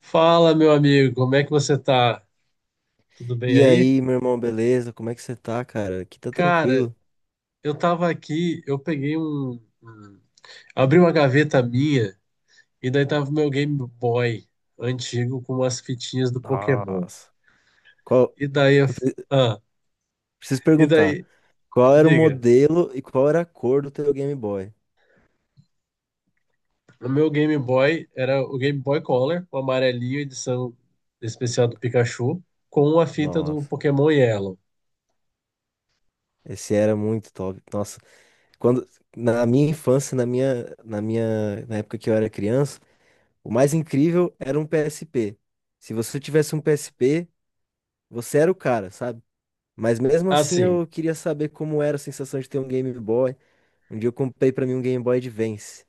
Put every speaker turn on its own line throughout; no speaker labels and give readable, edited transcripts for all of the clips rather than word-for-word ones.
Fala, meu amigo, como é que você tá? Tudo bem
E
aí?
aí, meu irmão, beleza? Como é que você tá, cara? Aqui tá
Cara,
tranquilo.
eu tava aqui, eu peguei um, um- abri uma gaveta minha e daí tava o meu Game Boy antigo com as fitinhas do Pokémon.
Nossa. Qual...
E daí, eu-
Eu pre-
ah,
preciso
e
perguntar,
daí,
qual era o
diga,
modelo e qual era a cor do teu Game Boy?
o meu Game Boy era o Game Boy Color, o amarelinho, edição especial do Pikachu, com a fita do
Nossa,
Pokémon Yellow.
esse era muito top. Nossa, quando na minha infância, na minha, na minha, na época que eu era criança, o mais incrível era um PSP. Se você tivesse um PSP, você era o cara, sabe? Mas mesmo assim,
Assim,
eu queria saber como era a sensação de ter um Game Boy. Um dia eu comprei pra mim um Game Boy Advance.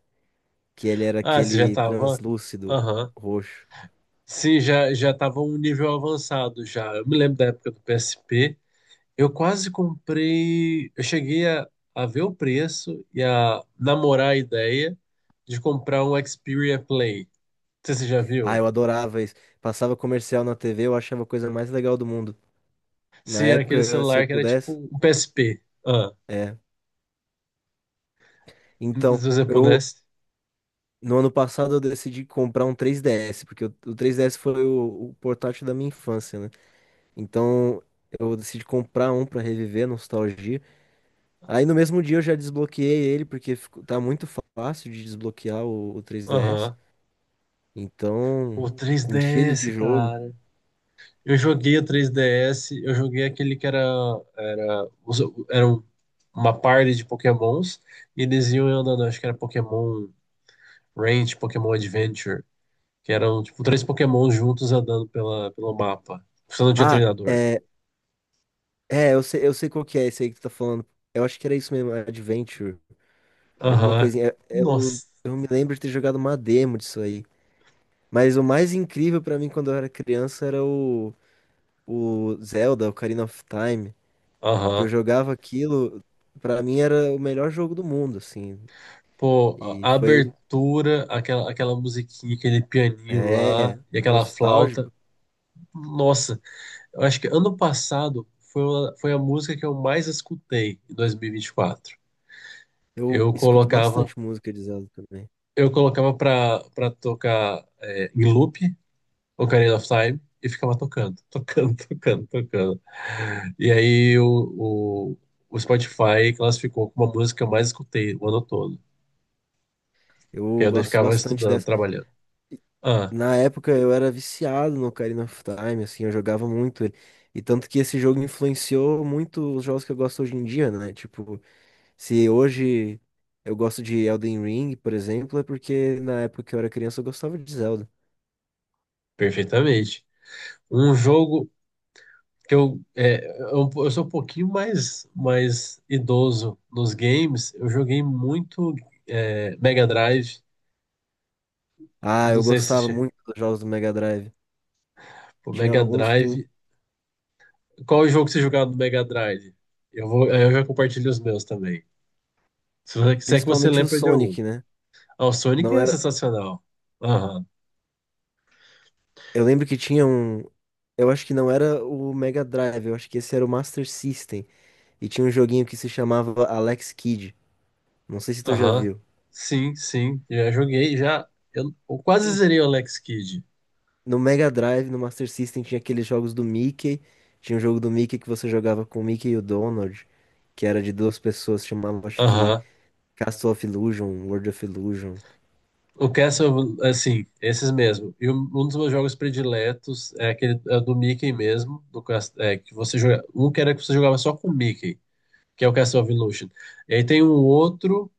Que ele era
você já
aquele
tava?
translúcido
Aham.
roxo.
Sim, já já estava um nível avançado já. Eu me lembro da época do PSP. Eu quase comprei. Eu cheguei a ver o preço e a namorar a ideia de comprar um Xperia Play. Não sei se você já
Ah,
viu?
eu adorava isso. Passava comercial na TV, eu achava a coisa mais legal do mundo. Na
Sim, era aquele
época, se eu
celular que era tipo
pudesse,
um PSP.
é. Então,
Se você
eu
pudesse.
no ano passado eu decidi comprar um 3DS, porque o 3DS foi o portátil da minha infância, né? Então, eu decidi comprar um pra reviver a nostalgia. Aí no mesmo dia eu já desbloqueei ele, porque tá muito fácil de desbloquear o 3DS.
Aham. O
Então, enchi ele de
3DS,
jogo.
cara. Eu joguei o 3DS, eu joguei aquele que era, os- era uma party de Pokémons, e eles iam andando, acho que era Pokémon Ranch, Pokémon Adventure, que eram tipo três Pokémons juntos andando pela, pelo mapa. Você não tinha
Ah,
treinador.
é. É, eu sei qual que é esse aí que tu tá falando. Eu acho que era isso mesmo, Adventure. Alguma
Aham.
coisinha. É. Eu,
Nossa.
eu me lembro de ter jogado uma demo disso aí. Mas o mais incrível pra mim quando eu era criança era o Zelda, Ocarina of Time. Que eu
Aham.
jogava aquilo, pra mim era o melhor jogo do mundo, assim.
Pô,
E
a
foi ele.
abertura, aquela musiquinha, aquele pianinho lá,
É,
e aquela flauta.
nostálgico.
Nossa, eu acho que ano passado foi a música que eu mais escutei em 2024.
Eu
Eu
escuto
colocava,
bastante música de Zelda também.
eu colocava pra tocar em loop, Ocarina of Time, e ficava tocando, tocando, tocando, tocando. E aí o Spotify classificou como a música que eu mais escutei o ano todo. Que
Eu
aí eu
gosto
ficava
bastante.
estudando, trabalhando. Ah,
Na época eu era viciado no Ocarina of Time, assim, eu jogava muito ele. E tanto que esse jogo influenciou muito os jogos que eu gosto hoje em dia, né? Tipo, se hoje eu gosto de Elden Ring, por exemplo, é porque na época que eu era criança eu gostava de Zelda.
Perfeitamente. Um jogo, que eu, é, eu sou um pouquinho mais idoso nos games. Eu joguei muito Mega Drive.
Ah,
Não
eu
sei se
gostava
che-
muito dos jogos do Mega Drive.
Pô,
Tinha
Mega
alguns, tem-
Drive. Qual é o jogo que você jogava no Mega Drive? Eu já compartilho os meus também. Se é que você
principalmente o
lembra de algum.
Sonic, né?
O Sonic
Não
é
era,
sensacional. Aham,
eu lembro que tinha um, eu acho que não era o Mega Drive, eu acho que esse era o Master System e tinha um joguinho que se chamava Alex Kidd. Não sei se tu já
aham.
viu.
Sim, sim. Já joguei, já. Eu quase
E
zerei o Alex Kidd.
no Mega Drive, no Master System, tinha aqueles jogos do Mickey. Tinha um jogo do Mickey que você jogava com o Mickey e o Donald, que era de duas pessoas, chamava, acho que
Aham.
Castle of Illusion, World of Illusion.
O Castle, assim, esses mesmo. E um dos meus jogos prediletos é aquele é do Mickey mesmo, que você joga, um que você jogava só com o Mickey, que é o Castle of Illusion. E aí tem um outro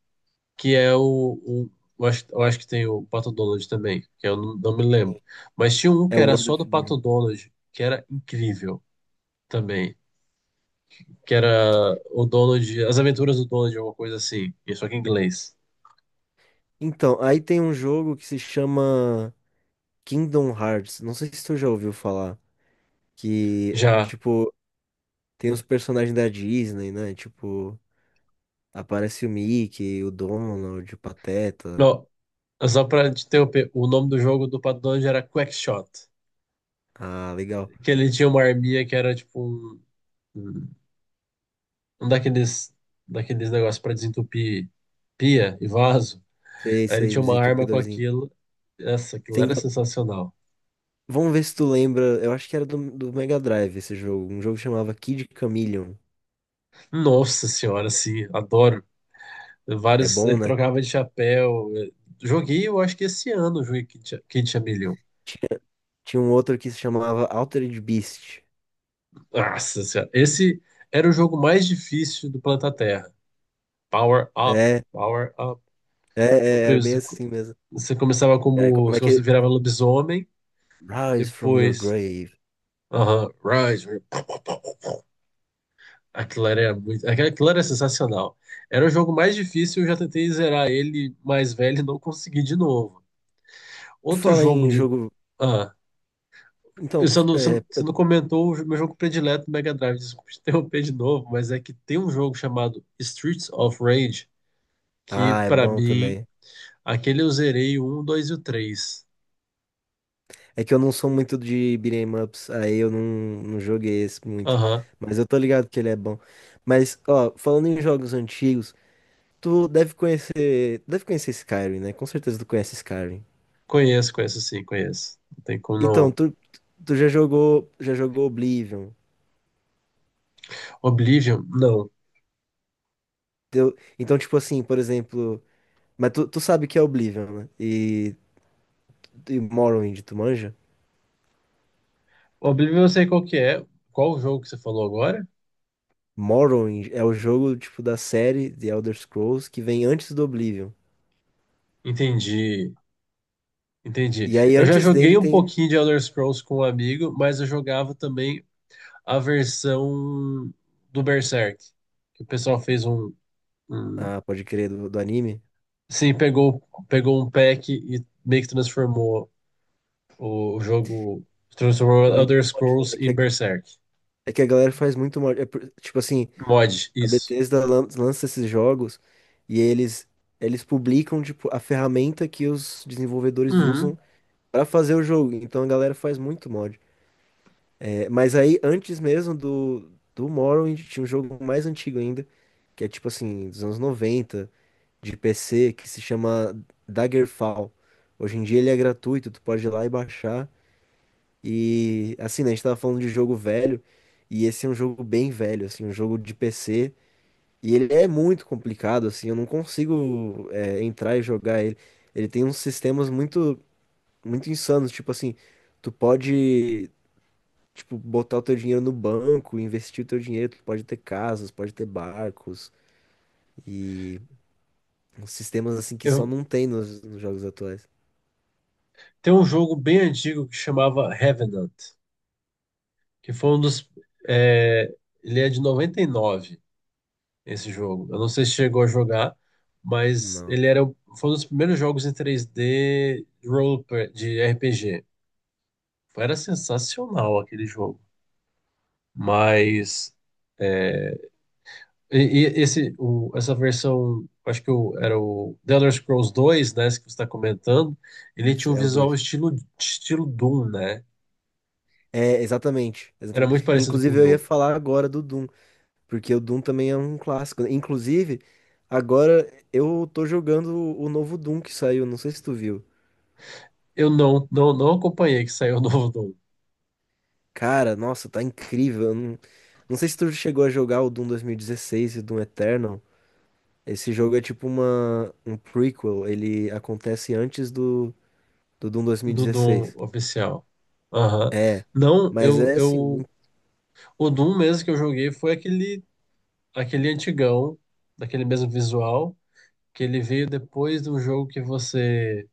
que é o- eu acho que tem o Pato Donald também, que eu não me lembro. Mas tinha um
É
que era
World
só
of
do Pato
Illusion.
Donald, que era incrível também, que era o Donald, As Aventuras do Donald, alguma coisa assim, e só que em inglês.
Então, aí tem um jogo que se chama Kingdom Hearts. Não sei se tu já ouviu falar. Que,
Já.
tipo, tem os personagens da Disney, né? Tipo, aparece o Mickey, o Donald, o Pateta.
Não, é só pra te interromper, o nome do jogo do Paddle era Quackshot.
Ah, legal.
Que ele tinha uma arminha que era tipo um um daqueles negócios pra desentupir pia e vaso.
Sei,
Aí ele
sei,
tinha
Mizzy
uma arma com
Entupidorzinho.
aquilo. Essa, aquilo
Tem.
era sensacional.
Vamos ver se tu lembra. Eu acho que era do Mega Drive esse jogo. Um jogo que chamava Kid Chameleon.
Nossa senhora, sim, adoro.
É
Vários,
bom,
ele
né?
trocava de chapéu. Joguei, eu acho que esse ano, eu joguei Kid Chameleon.
Tinha, tinha um outro que se chamava Altered Beast.
Nossa senhora, esse era o jogo mais difícil do planeta Terra. Power up,
É,
power up.
é,
Eu
é, era bem
preciso-
assim mesmo.
Você começava
É,
como.
como é
Você
que.
virava lobisomem,
Rise from your
depois.
grave.
Aham, Rise. Aquilo era muito. Aquilo era sensacional. Era o jogo mais difícil, eu já tentei zerar ele mais velho e não consegui de novo.
Por
Outro
falar
jogo
em
de.
jogo.
Ah,
Então,
você não, você
é,
não você
eu-
não comentou o meu jogo predileto do Mega Drive, desculpa te interromper de novo, mas é que tem um jogo chamado Streets of Rage, que
ah, é
pra
bom
mim,
também.
aquele eu zerei o 1, 2 e o 3.
É que eu não sou muito de beat'em ups, aí eu não, não joguei esse muito.
Aham,
Mas eu tô ligado que ele é bom. Mas, ó, falando em jogos antigos. Deve conhecer Skyrim, né? Com certeza tu conhece Skyrim.
conheço, conheço sim, conheço. Não tem como
Então,
não.
tu já jogou Oblivion.
Oblivion? Não.
Então, tipo assim, por exemplo, mas tu sabe que é Oblivion, né? E Morrowind, tu manja?
Oblivion eu sei qual que é. Qual o jogo que você falou agora?
Morrowind é o jogo, tipo, da série The Elder Scrolls que vem antes do Oblivion.
Entendi. Entendi.
E aí,
Eu já
antes dele
joguei um
tem...
pouquinho de Elder Scrolls com um amigo, mas eu jogava também a versão do Berserk. Que o pessoal fez um-
Ah, pode crer, do anime.
sim, pegou um pack e meio que transformou o jogo, transformou
Um
Elder
mod, né?
Scrolls em Berserk.
É que a galera faz muito mod. Tipo assim,
Mod,
a
isso.
Bethesda lança esses jogos e eles publicam tipo a ferramenta que os desenvolvedores
Uhum.
usam pra fazer o jogo. Então a galera faz muito mod. É, mas aí antes mesmo do Morrowind tinha um jogo mais antigo ainda, que é tipo assim, dos anos 90 de PC, que se chama Daggerfall. Hoje em dia ele é gratuito, tu pode ir lá e baixar. E assim, né, a gente tava falando de jogo velho, e esse é um jogo bem velho, assim, um jogo de PC. E ele é muito complicado, assim, eu não consigo, é, entrar e jogar ele. Ele tem uns sistemas muito insanos, tipo assim, tu pode, tipo, botar o teu dinheiro no banco, investir o teu dinheiro, tu pode ter casas, pode ter barcos, e uns sistemas, assim, que só
Eu,
não tem nos, nos jogos atuais.
tem um jogo bem antigo que chamava Revenant. Que foi um dos. é, Ele é de 99 esse jogo. Eu não sei se chegou a jogar, mas
Não.
foi um dos primeiros jogos em 3D de RPG. Era sensacional aquele jogo. Mas. é, e, e esse, essa versão, acho que era o The Elder Scrolls dois, né, esse que você está comentando, ele tinha
Isso,
um
é o
visual
dois.
estilo Doom, né?
É, exatamente,
Era
exatamente.
muito parecido com o
Inclusive, eu ia
Doom.
falar agora do Doom. Porque o Doom também é um clássico, né? Inclusive, agora eu tô jogando o novo Doom que saiu, não sei se tu viu.
Eu não acompanhei que saiu o novo Doom.
Cara, nossa, tá incrível. Eu Não, não sei se tu chegou a jogar o Doom 2016 e o Doom Eternal. Esse jogo é tipo um prequel, ele acontece antes do Doom
Do Doom
2016.
oficial. Aham. Não,
Mas
eu,
é
eu.
assim.
O Doom mesmo que eu joguei foi aquele antigão, daquele mesmo visual, que ele veio depois de um jogo que você.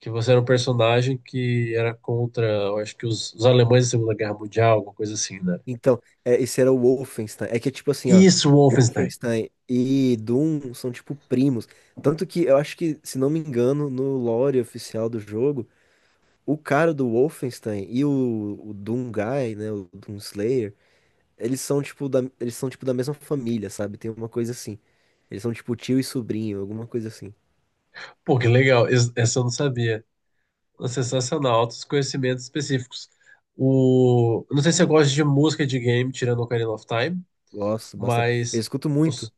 Que você era um personagem que era contra, eu acho que os alemães da Segunda Guerra Mundial, alguma coisa assim, né?
Esse era o Wolfenstein. É que, tipo assim, ó,
Isso, Wolfenstein.
Wolfenstein e Doom são, tipo, primos. Tanto que eu acho que, se não me engano, no lore oficial do jogo, o cara do Wolfenstein e o Doom Guy, né, o Doom Slayer, eles são, tipo, eles são, tipo, da mesma família, sabe? Tem uma coisa assim. Eles são, tipo, tio e sobrinho, alguma coisa assim.
Pô, que legal. Essa eu não sabia. Sensacional, altos conhecimentos específicos. Eu não sei se eu gosto de música de game, tirando o Ocarina of Time,
Gosto bastante. Eu
mas.
escuto
o,
muito.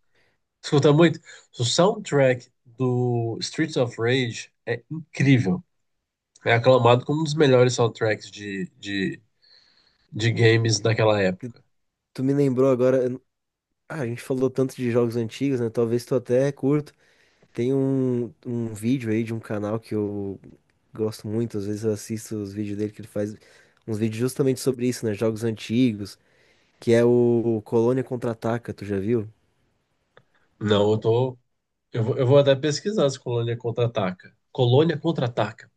escuta muito. O soundtrack do Streets of Rage é incrível. É aclamado como um dos melhores soundtracks de games daquela época.
Tu me lembrou agora... eu não- Ah, a gente falou tanto de jogos antigos, né? Talvez tu até curto. Tem um vídeo aí de um canal que eu gosto muito, às vezes eu assisto os vídeos dele que ele faz uns vídeos justamente sobre isso, né? Jogos antigos, que é o Colônia Contra-Ataca, tu já viu?
Não, eu tô. Eu vou até pesquisar se Colônia Contra-Ataca. Colônia Contra-Ataca.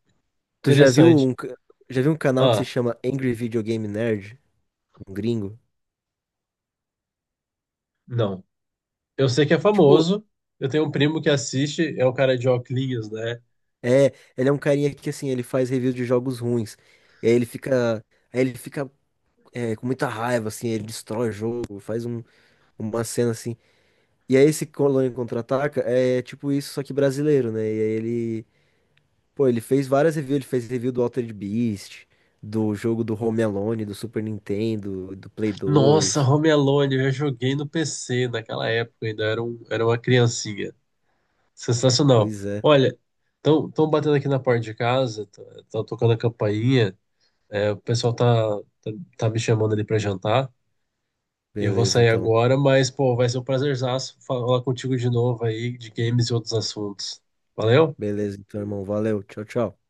Tu já viu
Interessante.
um, ca- já viu um canal que se
Ah,
chama Angry Video Game Nerd, um gringo?
não. Eu sei que é
Tipo,
famoso. Eu tenho um primo que assiste, é o cara de óculos, né?
é, ele é um carinha que assim, ele faz review de jogos ruins. E aí ele fica, aí ele fica, é, com muita raiva, assim, ele destrói o jogo, faz uma cena assim. E aí esse Colônia Contra-Ataca é tipo isso, só que brasileiro, né? E aí ele, pô, ele fez várias reviews, ele fez review do Altered Beast, do jogo do Home Alone, do Super Nintendo, do Play
Nossa,
dois.
Home Alone, eu já joguei no PC naquela época, ainda era uma criancinha. Sensacional.
Pois é.
Olha, estão batendo aqui na porta de casa, estão tocando a campainha, o pessoal tá, tá me chamando ali para jantar. Eu vou
Beleza,
sair
então.
agora, mas, pô, vai ser um prazerzaço falar contigo de novo aí de games e outros assuntos. Valeu?
Beleza, então, irmão. Valeu. Tchau, tchau.